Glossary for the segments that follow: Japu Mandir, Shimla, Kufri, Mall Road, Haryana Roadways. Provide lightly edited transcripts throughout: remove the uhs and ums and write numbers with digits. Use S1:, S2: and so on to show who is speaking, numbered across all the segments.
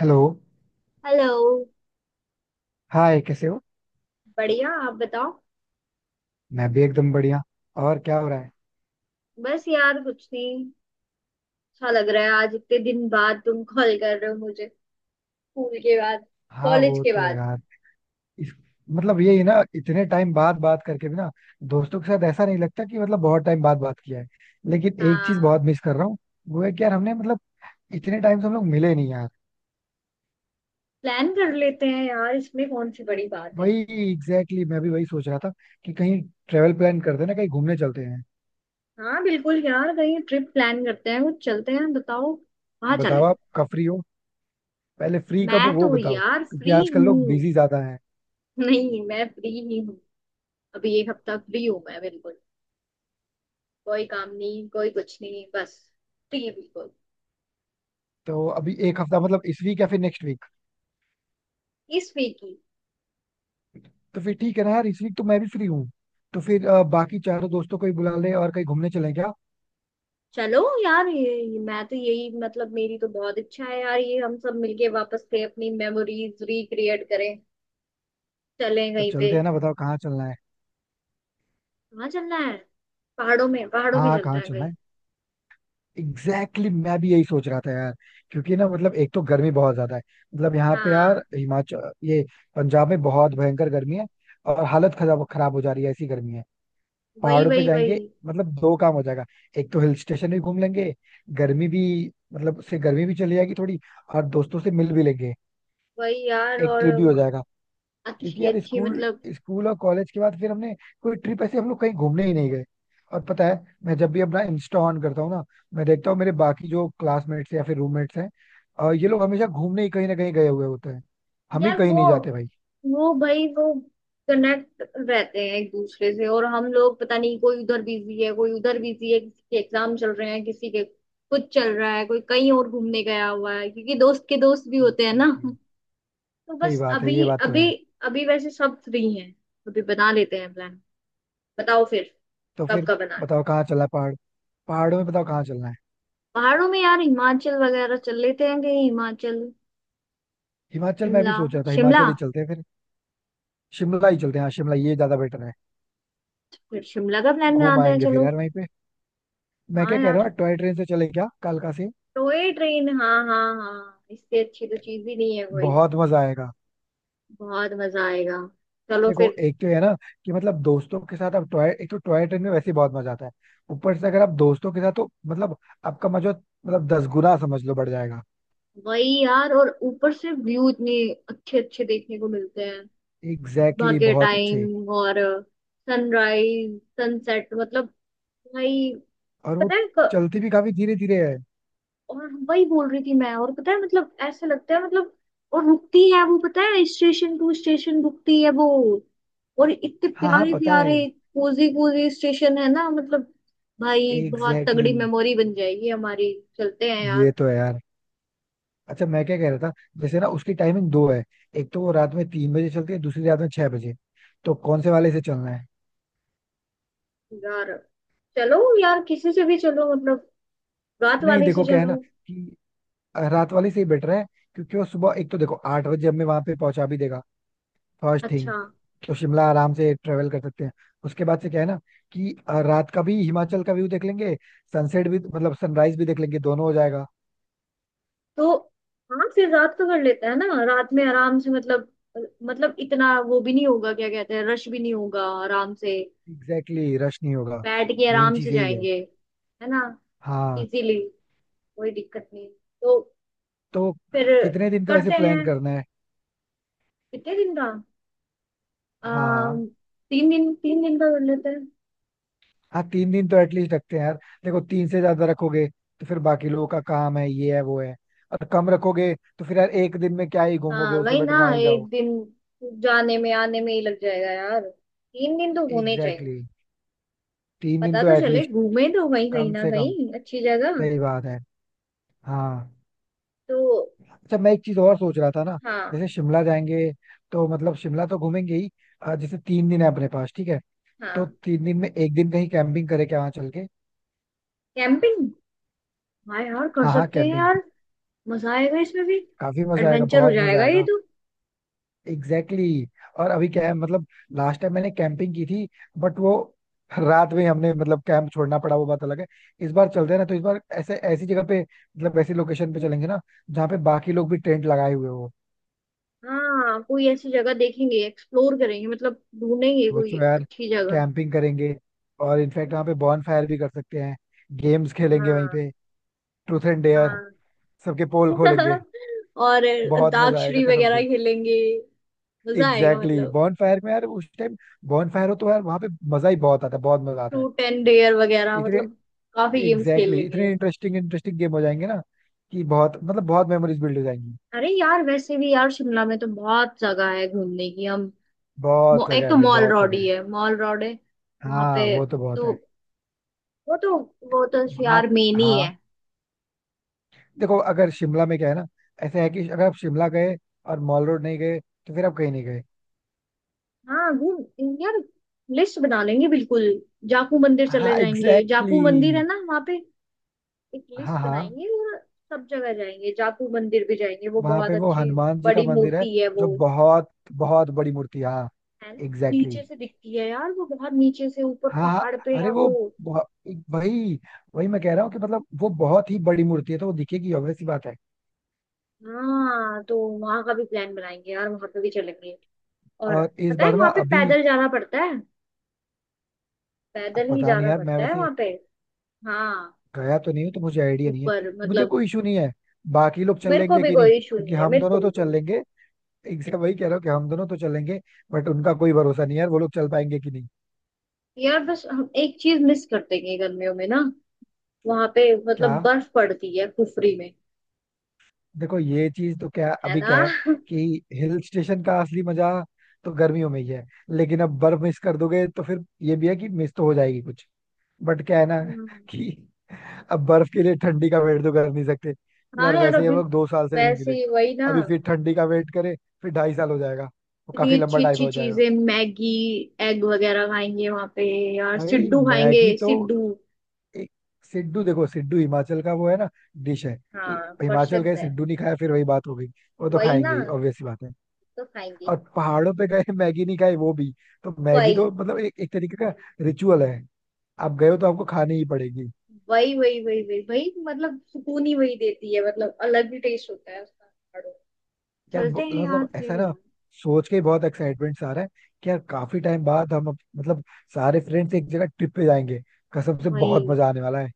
S1: Hello.
S2: Hello.
S1: Hi, कैसे हो?
S2: बढ़िया, आप बताओ।
S1: मैं भी एकदम बढ़िया. और क्या हो रहा है?
S2: बस यार कुछ नहीं। अच्छा लग रहा है, आज इतने दिन बाद तुम कॉल कर रहे हो मुझे। स्कूल के बाद।
S1: हाँ,
S2: कॉलेज
S1: वो
S2: के
S1: तो है
S2: बाद।
S1: यार. इस मतलब यही है ना, इतने टाइम बाद बात करके भी ना, दोस्तों के साथ ऐसा नहीं लगता कि मतलब बहुत टाइम बाद बात किया है. लेकिन एक चीज बहुत
S2: हाँ।
S1: मिस कर रहा हूँ. वो है कि यार हमने मतलब इतने टाइम से हम लोग मिले नहीं यार.
S2: प्लान कर लेते हैं यार, इसमें कौन सी बड़ी बात है।
S1: वही, एग्जैक्टली, मैं भी वही सोच रहा था कि कहीं ट्रेवल प्लान करते हैं ना, कहीं घूमने चलते हैं.
S2: हाँ बिल्कुल यार, कहीं ट्रिप प्लान करते हैं, कुछ चलते हैं, बताओ कहाँ
S1: बताओ
S2: चले।
S1: आप कब फ्री हो. पहले फ्री कब हो
S2: मैं
S1: वो
S2: तो
S1: बताओ,
S2: यार
S1: क्योंकि
S2: फ्री
S1: आजकल लोग
S2: हूँ।
S1: बिजी ज्यादा हैं.
S2: नहीं, मैं फ्री ही हूँ। अभी एक हफ्ता फ्री हूँ मैं बिल्कुल। कोई काम नहीं, कोई कुछ नहीं, बस। फ्री बिल्कुल।
S1: तो अभी एक हफ्ता मतलब इस वीक या फिर नेक्स्ट वीक?
S2: इस वीक।
S1: तो फिर ठीक है ना यार, इस वीक तो मैं भी फ्री हूँ. तो फिर बाकी चारों दोस्तों को ही बुला ले और कहीं घूमने चलें क्या.
S2: चलो। यार ये मैं तो यही मतलब मेरी तो बहुत इच्छा है यार, ये हम सब मिलके वापस से अपनी मेमोरीज रिक्रिएट करें। चलें
S1: तो
S2: कहीं पे।
S1: चलते हैं ना, बताओ कहाँ चलना है.
S2: कहाँ चलना है। पहाड़ों में, पहाड़ों में
S1: हाँ,
S2: चलते
S1: कहाँ
S2: हैं
S1: चलना
S2: कहीं।
S1: है. एग्जैक्टली, मैं भी यही सोच रहा था यार. क्योंकि ना, मतलब एक तो गर्मी बहुत ज्यादा है. मतलब यहाँ पे यार
S2: हाँ।
S1: हिमाचल, ये पंजाब में बहुत भयंकर गर्मी है. और हालत खराब खराब हो जा रही है, ऐसी गर्मी है.
S2: वही
S1: पहाड़ों पे
S2: वही वही
S1: जाएंगे. मतलब दो काम हो जाएगा. एक तो हिल स्टेशन भी घूम लेंगे, गर्मी भी मतलब से गर्मी भी चली जाएगी थोड़ी, और दोस्तों से मिल भी लेंगे,
S2: वही यार,
S1: एक
S2: और
S1: ट्रिप भी हो जाएगा. क्योंकि
S2: अच्छी
S1: यार
S2: अच्छी
S1: स्कूल
S2: मतलब।
S1: स्कूल और कॉलेज के बाद फिर हमने कोई ट्रिप ऐसे हम लोग कहीं घूमने ही नहीं गए. और पता है, मैं जब भी अपना इंस्टा ऑन करता हूँ ना, मैं देखता हूँ मेरे बाकी जो क्लासमेट्स या फिर रूममेट्स हैं, और ये लोग हमेशा घूमने ही कहीं ना कहीं गए हुए होते हैं. हम ही
S2: यार
S1: कहीं नहीं
S2: वो
S1: जाते भाई.
S2: वो भाई वो कनेक्ट रहते हैं एक दूसरे से, और हम लोग पता नहीं, कोई उधर बिजी है, कोई उधर बिजी है, किसी के एग्जाम चल रहे हैं, किसी के कुछ चल रहा है, कोई कहीं और घूमने गया हुआ है, क्योंकि दोस्त के दोस्त भी होते हैं ना।
S1: एग्जैक्टली.
S2: तो
S1: सही
S2: बस
S1: बात है, ये
S2: अभी
S1: बात तो
S2: अभी।
S1: है.
S2: अभी वैसे सब फ्री हैं। अभी बना लेते हैं प्लान। बताओ फिर।
S1: तो
S2: कब
S1: फिर
S2: का बना।
S1: बताओ कहाँ चलना है, पहाड़. पहाड़ों में बताओ कहाँ चलना है.
S2: पहाड़ों में यार हिमाचल वगैरह चल लेते हैं कहीं, हिमाचल।
S1: हिमाचल, मैं भी
S2: शिमला।
S1: सोच रहा था
S2: शिमला।
S1: हिमाचल ही चलते हैं फिर. शिमला ही चलते हैं, हाँ, शिमला ये ज्यादा बेटर है.
S2: फिर शिमला का प्लान
S1: घूम
S2: बनाते हैं,
S1: आएंगे फिर
S2: चलो।
S1: यार वहीं पे. मैं
S2: हाँ
S1: क्या कह रहा
S2: यार।
S1: हूँ, टॉय ट्रेन से चले क्या कालका से?
S2: टॉय ट्रेन, हाँ हाँ हाँ, इससे अच्छी तो चीज ही नहीं है कोई।
S1: बहुत मजा आएगा.
S2: बहुत मजा आएगा। चलो
S1: देखो
S2: फिर।
S1: एक तो ये है ना, कि मतलब दोस्तों के साथ आप टॉय, एक तो टॉय ट्रेन में वैसे ही बहुत मजा आता है. ऊपर से अगर आप दोस्तों के साथ, तो मतलब आपका मजा मतलब 10 गुना समझ लो बढ़ जाएगा.
S2: वही यार, और ऊपर से व्यू इतने अच्छे अच्छे देखने को मिलते हैं।
S1: एग्जैक्टली,
S2: भाग्य
S1: बहुत अच्छे.
S2: टाइम और सनराइज सनसेट मतलब। भाई।
S1: और वो
S2: पता है।
S1: चलती भी काफी धीरे धीरे है.
S2: और वही बोल रही थी मैं, और पता है मतलब ऐसा लगता है मतलब। और रुकती है वो, पता है स्टेशन टू स्टेशन रुकती है वो। और इतने
S1: हाँ हाँ,
S2: प्यारे
S1: पता है.
S2: प्यारे कोजी कोजी स्टेशन है ना मतलब। भाई बहुत
S1: एग्जैक्टली
S2: तगड़ी
S1: exactly,
S2: मेमोरी बन जाएगी हमारी। चलते हैं यार।
S1: ये तो है यार. अच्छा, मैं क्या कह रहा था, जैसे ना उसकी टाइमिंग दो है. एक तो वो रात में 3 बजे चलती है, दूसरी रात में 6 बजे. तो कौन से वाले से चलना है?
S2: यार चलो यार, किसी से भी चलो मतलब। रात
S1: नहीं
S2: वाले से
S1: देखो, क्या है ना,
S2: चलो।
S1: कि रात वाले से ही बेटर है. क्योंकि वो सुबह एक तो देखो 8 बजे हमें वहां पे पहुंचा भी देगा. फर्स्ट थिंग,
S2: अच्छा।
S1: तो शिमला आराम से ट्रेवल कर सकते हैं. उसके बाद से क्या है ना कि रात का भी हिमाचल का व्यू देख लेंगे. सनसेट भी मतलब सनराइज भी देख लेंगे, दोनों हो जाएगा.
S2: तो हाँ, फिर रात का कर लेते हैं ना, रात में आराम से मतलब। मतलब इतना वो भी नहीं होगा, क्या कहते हैं, रश भी नहीं होगा आराम से।
S1: एग्जैक्टली, रश नहीं होगा.
S2: बैठ के
S1: मेन
S2: आराम से
S1: चीज यही है.
S2: जाएंगे। है ना।
S1: हाँ.
S2: इजीली। कोई दिक्कत नहीं। तो
S1: तो
S2: फिर
S1: कितने दिन का वैसे
S2: करते हैं।
S1: प्लान करना है?
S2: कितने दिन का।
S1: हाँ
S2: अम,
S1: हाँ
S2: 3 दिन, 3 दिन का कर लेते हैं।
S1: हाँ. 3 दिन तो एटलीस्ट रखते हैं यार. देखो तीन से ज्यादा रखोगे तो फिर बाकी लोगों का काम है, ये है, वो है. और कम रखोगे तो फिर यार एक दिन में क्या ही घूमोगे,
S2: हाँ
S1: उससे
S2: वही
S1: बेटर
S2: ना,
S1: ना ही
S2: एक
S1: जाओ.
S2: दिन जाने में आने में ही लग जाएगा यार, 3 दिन तो होने चाहिए।
S1: Exactly exactly. 3 दिन
S2: पता
S1: तो
S2: तो चले,
S1: एटलीस्ट,
S2: घूमे तो वही कहीं
S1: कम
S2: ना
S1: से कम.
S2: कहीं अच्छी जगह।
S1: सही बात है. हाँ.
S2: तो
S1: अच्छा, मैं एक चीज और सोच रहा था ना.
S2: हाँ।
S1: जैसे शिमला जाएंगे तो मतलब शिमला तो घूमेंगे ही. जैसे 3 दिन है अपने पास, ठीक है, तो
S2: हाँ
S1: 3 दिन में एक दिन कहीं कैंपिंग करें क्या वहां चल के.
S2: कैंपिंग। हाँ यार, कर
S1: हाँ हाँ,
S2: सकते हैं
S1: कैंपिंग.
S2: यार। मजा आएगा इसमें भी।
S1: काफी मजा आएगा,
S2: एडवेंचर हो
S1: बहुत मजा
S2: जाएगा ये
S1: आएगा.
S2: तो।
S1: Exactly exactly. और अभी क्या है, मतलब लास्ट टाइम मैंने कैंपिंग की थी, बट वो रात में हमने मतलब कैंप छोड़ना पड़ा, वो बात अलग है. इस बार चलते हैं ना, तो इस बार ऐसे ऐसी जगह पे मतलब ऐसी लोकेशन पे चलेंगे ना, जहाँ पे बाकी लोग भी टेंट लगाए हुए हो.
S2: हाँ कोई ऐसी जगह देखेंगे, एक्सप्लोर करेंगे मतलब। ढूंढेंगे कोई
S1: सोचो यार,
S2: अच्छी जगह।
S1: कैंपिंग करेंगे और इनफैक्ट वहाँ पे बॉन फायर भी कर सकते हैं. गेम्स खेलेंगे वहीं
S2: हाँ।
S1: पे. ट्रूथ एंड डेयर,
S2: हाँ।
S1: सबके पोल खोलेंगे.
S2: और
S1: बहुत मजा आएगा
S2: अंताक्षरी
S1: कसम
S2: वगैरह
S1: से.
S2: खेलेंगे। मजा आएगा
S1: एग्जैक्टली exactly.
S2: मतलब।
S1: बॉन फायर में यार, उस टाइम बॉन फायर हो तो यार वहाँ पे मजा ही बहुत आता है, बहुत मजा आता है.
S2: फ्रूट एंड डेयर वगैरह
S1: इतने,
S2: मतलब। काफी गेम्स खेल
S1: एग्जैक्टली,
S2: लेंगे।
S1: इतने इंटरेस्टिंग इंटरेस्टिंग गेम हो जाएंगे ना कि बहुत मतलब बहुत मेमोरीज बिल्ड हो जाएंगी.
S2: अरे यार, वैसे भी यार शिमला में तो बहुत जगह है घूमने की, हम
S1: बहुत जगह
S2: एक
S1: है
S2: तो
S1: भाई,
S2: मॉल
S1: बहुत
S2: रोड
S1: जगह
S2: ही
S1: है.
S2: है, मॉल रोड है वहां
S1: हाँ,
S2: पे।
S1: वो तो बहुत
S2: तो
S1: है.
S2: वो तो वो तो
S1: वहाँ,
S2: यार मेन ही है।
S1: हाँ. देखो अगर शिमला में क्या है ना, ऐसा है कि अगर आप शिमला गए और मॉल रोड नहीं गए, तो फिर आप कहीं नहीं गए.
S2: हाँ गुड। यार लिस्ट बना लेंगे बिल्कुल। जापू मंदिर चले
S1: हाँ,
S2: जाएंगे,
S1: एग्जैक्टली
S2: जापू मंदिर है
S1: exactly.
S2: ना वहाँ पे। एक
S1: हाँ
S2: लिस्ट
S1: हाँ.
S2: बनाएंगे, और सब जगह जाएंगे, जापू मंदिर भी जाएंगे, वो
S1: वहां
S2: बहुत
S1: पे वो
S2: अच्छी
S1: हनुमान जी का
S2: बड़ी
S1: मंदिर है,
S2: मूर्ति है
S1: जो
S2: वो।
S1: बहुत बहुत बड़ी मूर्ति है, हाँ.
S2: है ना।
S1: एग्जैक्टली
S2: नीचे
S1: exactly.
S2: से दिखती है यार वो, बहुत नीचे से, ऊपर
S1: हाँ हाँ.
S2: पहाड़ पे
S1: अरे
S2: है
S1: वो,
S2: वो।
S1: बहु- वही, वही मैं कह रहा हूँ कि मतलब वो बहुत ही बड़ी मूर्ति है, तो वो दिखेगी, obvious सी बात है.
S2: हाँ तो वहां का भी प्लान बनाएंगे यार, वहां पे भी चलेंगे। और
S1: और इस
S2: पता है
S1: बार ना
S2: वहां पे
S1: अभी,
S2: पैदल जाना पड़ता है।
S1: अब
S2: पैदल ही
S1: पता नहीं
S2: जाना
S1: यार, मैं
S2: पड़ता है
S1: वैसे
S2: वहां पे। हाँ।
S1: गया तो नहीं हूँ तो मुझे आइडिया नहीं है.
S2: ऊपर
S1: मुझे
S2: मतलब।
S1: कोई इशू नहीं है. बाकी लोग चल
S2: मेरे को
S1: लेंगे
S2: भी
S1: कि नहीं,
S2: कोई इशू
S1: क्योंकि
S2: नहीं है,
S1: हम
S2: मेरे को
S1: दोनों
S2: भी
S1: तो चल
S2: कोई।
S1: लेंगे. एग्जैक्ट वही कह रहा हूँ कि हम दोनों तो चलेंगे. बट उनका कोई भरोसा नहीं है यार, वो लोग चल पाएंगे कि नहीं.
S2: यार बस हम एक चीज मिस करते हैं गर्मियों में ना, वहां पे
S1: क्या?
S2: मतलब बर्फ पड़ती है कुफरी में।
S1: देखो ये चीज तो, क्या
S2: है
S1: अभी
S2: ना।
S1: क्या है कि हिल स्टेशन का असली मजा तो गर्मियों में ही है, लेकिन अब बर्फ मिस कर दोगे तो फिर ये भी है कि मिस तो हो जाएगी कुछ, बट क्या है ना
S2: हम्म।
S1: कि अब बर्फ के लिए ठंडी का वेट तो कर नहीं सकते.
S2: हाँ
S1: यार
S2: यार
S1: वैसे ही हम
S2: अभी।
S1: लोग 2 साल से नहीं
S2: वैसे
S1: मिले.
S2: ही वही ना।
S1: अभी फिर ठंडी का वेट करें फिर 2.5 साल हो जाएगा, वो
S2: इतनी
S1: काफी लंबा
S2: अच्छी
S1: टाइम
S2: अच्छी
S1: हो जाएगा.
S2: चीजें, मैगी एग वगैरह खाएंगे वहां पे। यार
S1: भाई
S2: सिड्डू खाएंगे
S1: मैगी तो,
S2: सिड्डू।
S1: एक, सिड्डू, देखो सिड्डू हिमाचल का वो है ना, डिश है. तो
S2: हाँ
S1: हिमाचल
S2: प्रसिद्ध
S1: गए,
S2: है।
S1: सिड्डू नहीं खाया, फिर वही बात हो गई. वो तो
S2: वही ना,
S1: खाएंगे ही, ऑब्वियस सी बात है.
S2: तो खाएंगे।
S1: और पहाड़ों पे गए मैगी नहीं खाई, वो भी, तो मैगी
S2: वही
S1: तो मतलब एक एक तरीके का रिचुअल है. आप गए हो तो आपको खानी ही पड़ेगी.
S2: वही वही वही वही वही मतलब सुकून ही वही देती है मतलब, अलग ही टेस्ट होता है उसका।
S1: यार
S2: चलते हैं यार
S1: मतलब ऐसा
S2: फिर
S1: ना,
S2: यार।
S1: सोच के ही बहुत एक्साइटमेंट सा आ रहा है कि यार काफी टाइम बाद हम मतलब सारे फ्रेंड्स एक जगह ट्रिप पे जाएंगे. कसम से बहुत
S2: वही
S1: मजा आने वाला है.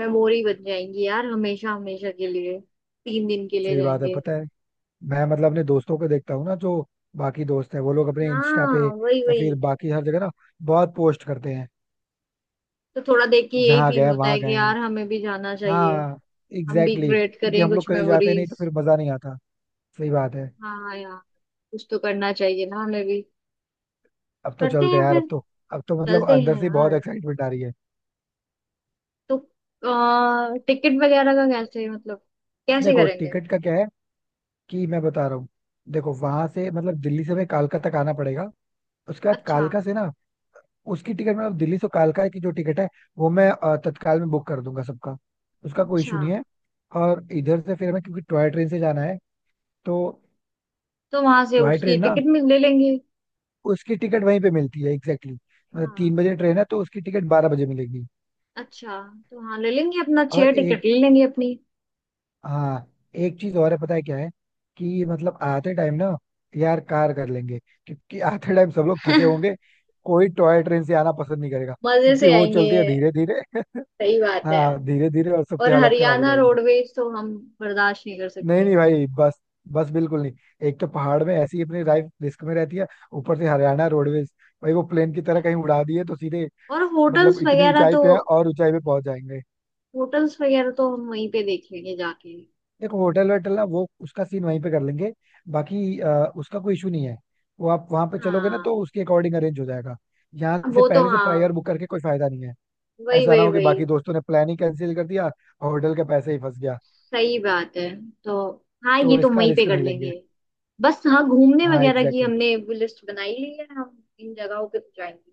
S2: मेमोरी बन जाएंगी यार हमेशा हमेशा के लिए। तीन दिन के लिए
S1: सही बात है,
S2: जाएंगे।
S1: पता है. मैं मतलब अपने दोस्तों को देखता हूँ ना, जो बाकी दोस्त है वो लोग अपने इंस्टा पे
S2: हाँ वही
S1: या
S2: वही।
S1: फिर बाकी हर जगह ना बहुत पोस्ट करते हैं.
S2: तो थोड़ा देख के यही
S1: जहाँ
S2: फील
S1: गए
S2: होता है
S1: वहां गए
S2: कि
S1: हैं.
S2: यार हमें भी जाना चाहिए।
S1: हाँ.
S2: हम भी
S1: एग्जैक्टली exactly.
S2: क्रिएट
S1: क्योंकि
S2: करें
S1: हम लोग
S2: कुछ
S1: कहीं जाते नहीं
S2: मेमोरीज।
S1: तो फिर मजा नहीं आता. सही बात है.
S2: हाँ यार। कुछ तो करना चाहिए ना हमें भी।
S1: अब तो
S2: करते
S1: चलते
S2: हैं
S1: हैं यार,
S2: फिर।
S1: अब तो. अब तो मतलब
S2: चलते
S1: अंदर
S2: हैं
S1: से बहुत
S2: यार।
S1: एक्साइटमेंट आ रही है.
S2: तो टिकट वगैरह का कैसे मतलब, कैसे
S1: देखो
S2: करेंगे।
S1: टिकट का क्या है, कि मैं बता रहा हूँ, देखो वहां से मतलब दिल्ली से हमें कालका तक आना पड़ेगा. उसके बाद
S2: अच्छा।
S1: कालका से ना, उसकी टिकट मतलब दिल्ली से कालका की जो टिकट है वो मैं तत्काल में बुक कर दूंगा सबका. उसका कोई
S2: अच्छा,
S1: इशू नहीं है. और इधर से फिर हमें क्योंकि टॉय ट्रेन से जाना है तो,
S2: तो वहां से
S1: टॉय
S2: उसकी
S1: ट्रेन ना
S2: टिकट में ले लेंगे।
S1: उसकी टिकट वहीं पे मिलती है. Exactly exactly. मतलब
S2: हाँ।
S1: 3 बजे ट्रेन है तो उसकी टिकट 12 बजे मिलेगी.
S2: अच्छा। तो हाँ ले लेंगे अपना,
S1: और
S2: छह
S1: एक,
S2: टिकट ले लेंगे अपनी।
S1: हाँ, एक चीज और है, पता है क्या है, कि मतलब आते टाइम ना यार कार कर लेंगे. क्योंकि आते टाइम सब लोग थके होंगे, कोई टॉय ट्रेन से आना पसंद नहीं करेगा,
S2: मजे
S1: क्योंकि
S2: से
S1: वो
S2: आएंगे
S1: चलती
S2: ये।
S1: है धीरे धीरे
S2: सही बात है।
S1: हाँ, धीरे धीरे और सबकी
S2: और
S1: हालत खराब हो
S2: हरियाणा
S1: जाएगी.
S2: रोडवेज तो हम बर्दाश्त नहीं कर
S1: नहीं
S2: सकते।
S1: नहीं भाई, बस, बस बिल्कुल नहीं. एक तो पहाड़ में ऐसी अपनी लाइफ रिस्क में रहती है, ऊपर से हरियाणा रोडवेज, भाई वो प्लेन की तरह कहीं उड़ा दिए तो सीधे,
S2: और
S1: मतलब इतनी ऊंचाई पे है और ऊंचाई पे पहुंच जाएंगे.
S2: होटल्स वगैरह तो हम वहीं पे देख लेंगे जाके।
S1: देखो होटल वोटल ना, वो उसका सीन वहीं पे कर लेंगे. बाकी उसका कोई इशू नहीं है. वो आप वहां पे चलोगे ना
S2: हाँ।
S1: तो उसके अकॉर्डिंग अरेंज हो जाएगा. यहाँ से
S2: वो तो
S1: पहले से
S2: हाँ।
S1: प्रायर बुक करके कोई फायदा नहीं है.
S2: वही
S1: ऐसा ना
S2: वही
S1: हो कि
S2: वही।
S1: बाकी दोस्तों ने प्लान ही कैंसिल कर दिया और होटल के पैसे ही फंस गया.
S2: सही बात है। तो हाँ
S1: तो
S2: ये तो
S1: इसका
S2: वहीं पे
S1: रिस्क
S2: कर
S1: नहीं
S2: लेंगे।
S1: लेंगे.
S2: बस हाँ, घूमने
S1: हाँ,
S2: वगैरह की
S1: exactly.
S2: हमने लिस्ट बनाई ली है, हम इन जगहों पे तो जाएंगे।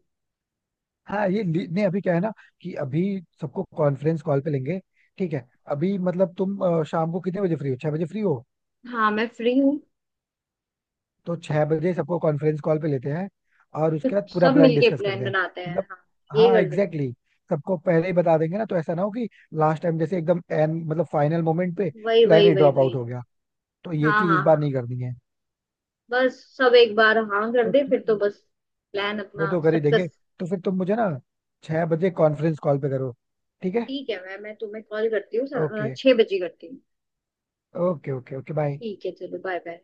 S1: हाँ ये नहीं, अभी क्या है ना, कि अभी सबको कॉन्फ्रेंस कॉल पे लेंगे. ठीक है, अभी मतलब तुम शाम को कितने बजे फ्री हो, 6 बजे फ्री हो?
S2: हाँ मैं फ्री हूँ।
S1: तो 6 बजे सबको कॉन्फ्रेंस कॉल पे लेते हैं और
S2: तो
S1: उसके बाद पूरा
S2: सब
S1: प्लान
S2: मिलके
S1: डिस्कस
S2: प्लान
S1: करते हैं.
S2: बनाते हैं,
S1: मतलब,
S2: हाँ ये
S1: हाँ
S2: कर लेते
S1: एग्जैक्टली exactly. सबको पहले ही बता देंगे ना, तो ऐसा ना हो कि लास्ट टाइम जैसे एकदम एंड मतलब फाइनल मोमेंट पे
S2: हैं। वही
S1: प्लान
S2: वही
S1: ही
S2: वही
S1: ड्रॉप
S2: वही।
S1: आउट हो गया. तो ये
S2: हाँ
S1: चीज इस
S2: हाँ
S1: बार
S2: हाँ।
S1: नहीं करनी है.
S2: बस सब एक बार हाँ कर
S1: तो
S2: दे,
S1: ठीक
S2: फिर तो
S1: है.
S2: बस प्लान
S1: वो
S2: अपना
S1: तो कर ही देंगे.
S2: सक्सेस।
S1: तो फिर तुम मुझे ना 6 बजे कॉन्फ्रेंस कॉल पे करो, ठीक है.
S2: ठीक है, मैं तुम्हें कॉल करती हूँ,
S1: ओके,
S2: 6 बजे करती हूँ।
S1: Okay, okay, okay, bye.
S2: ठीक है, चलो बाय बाय।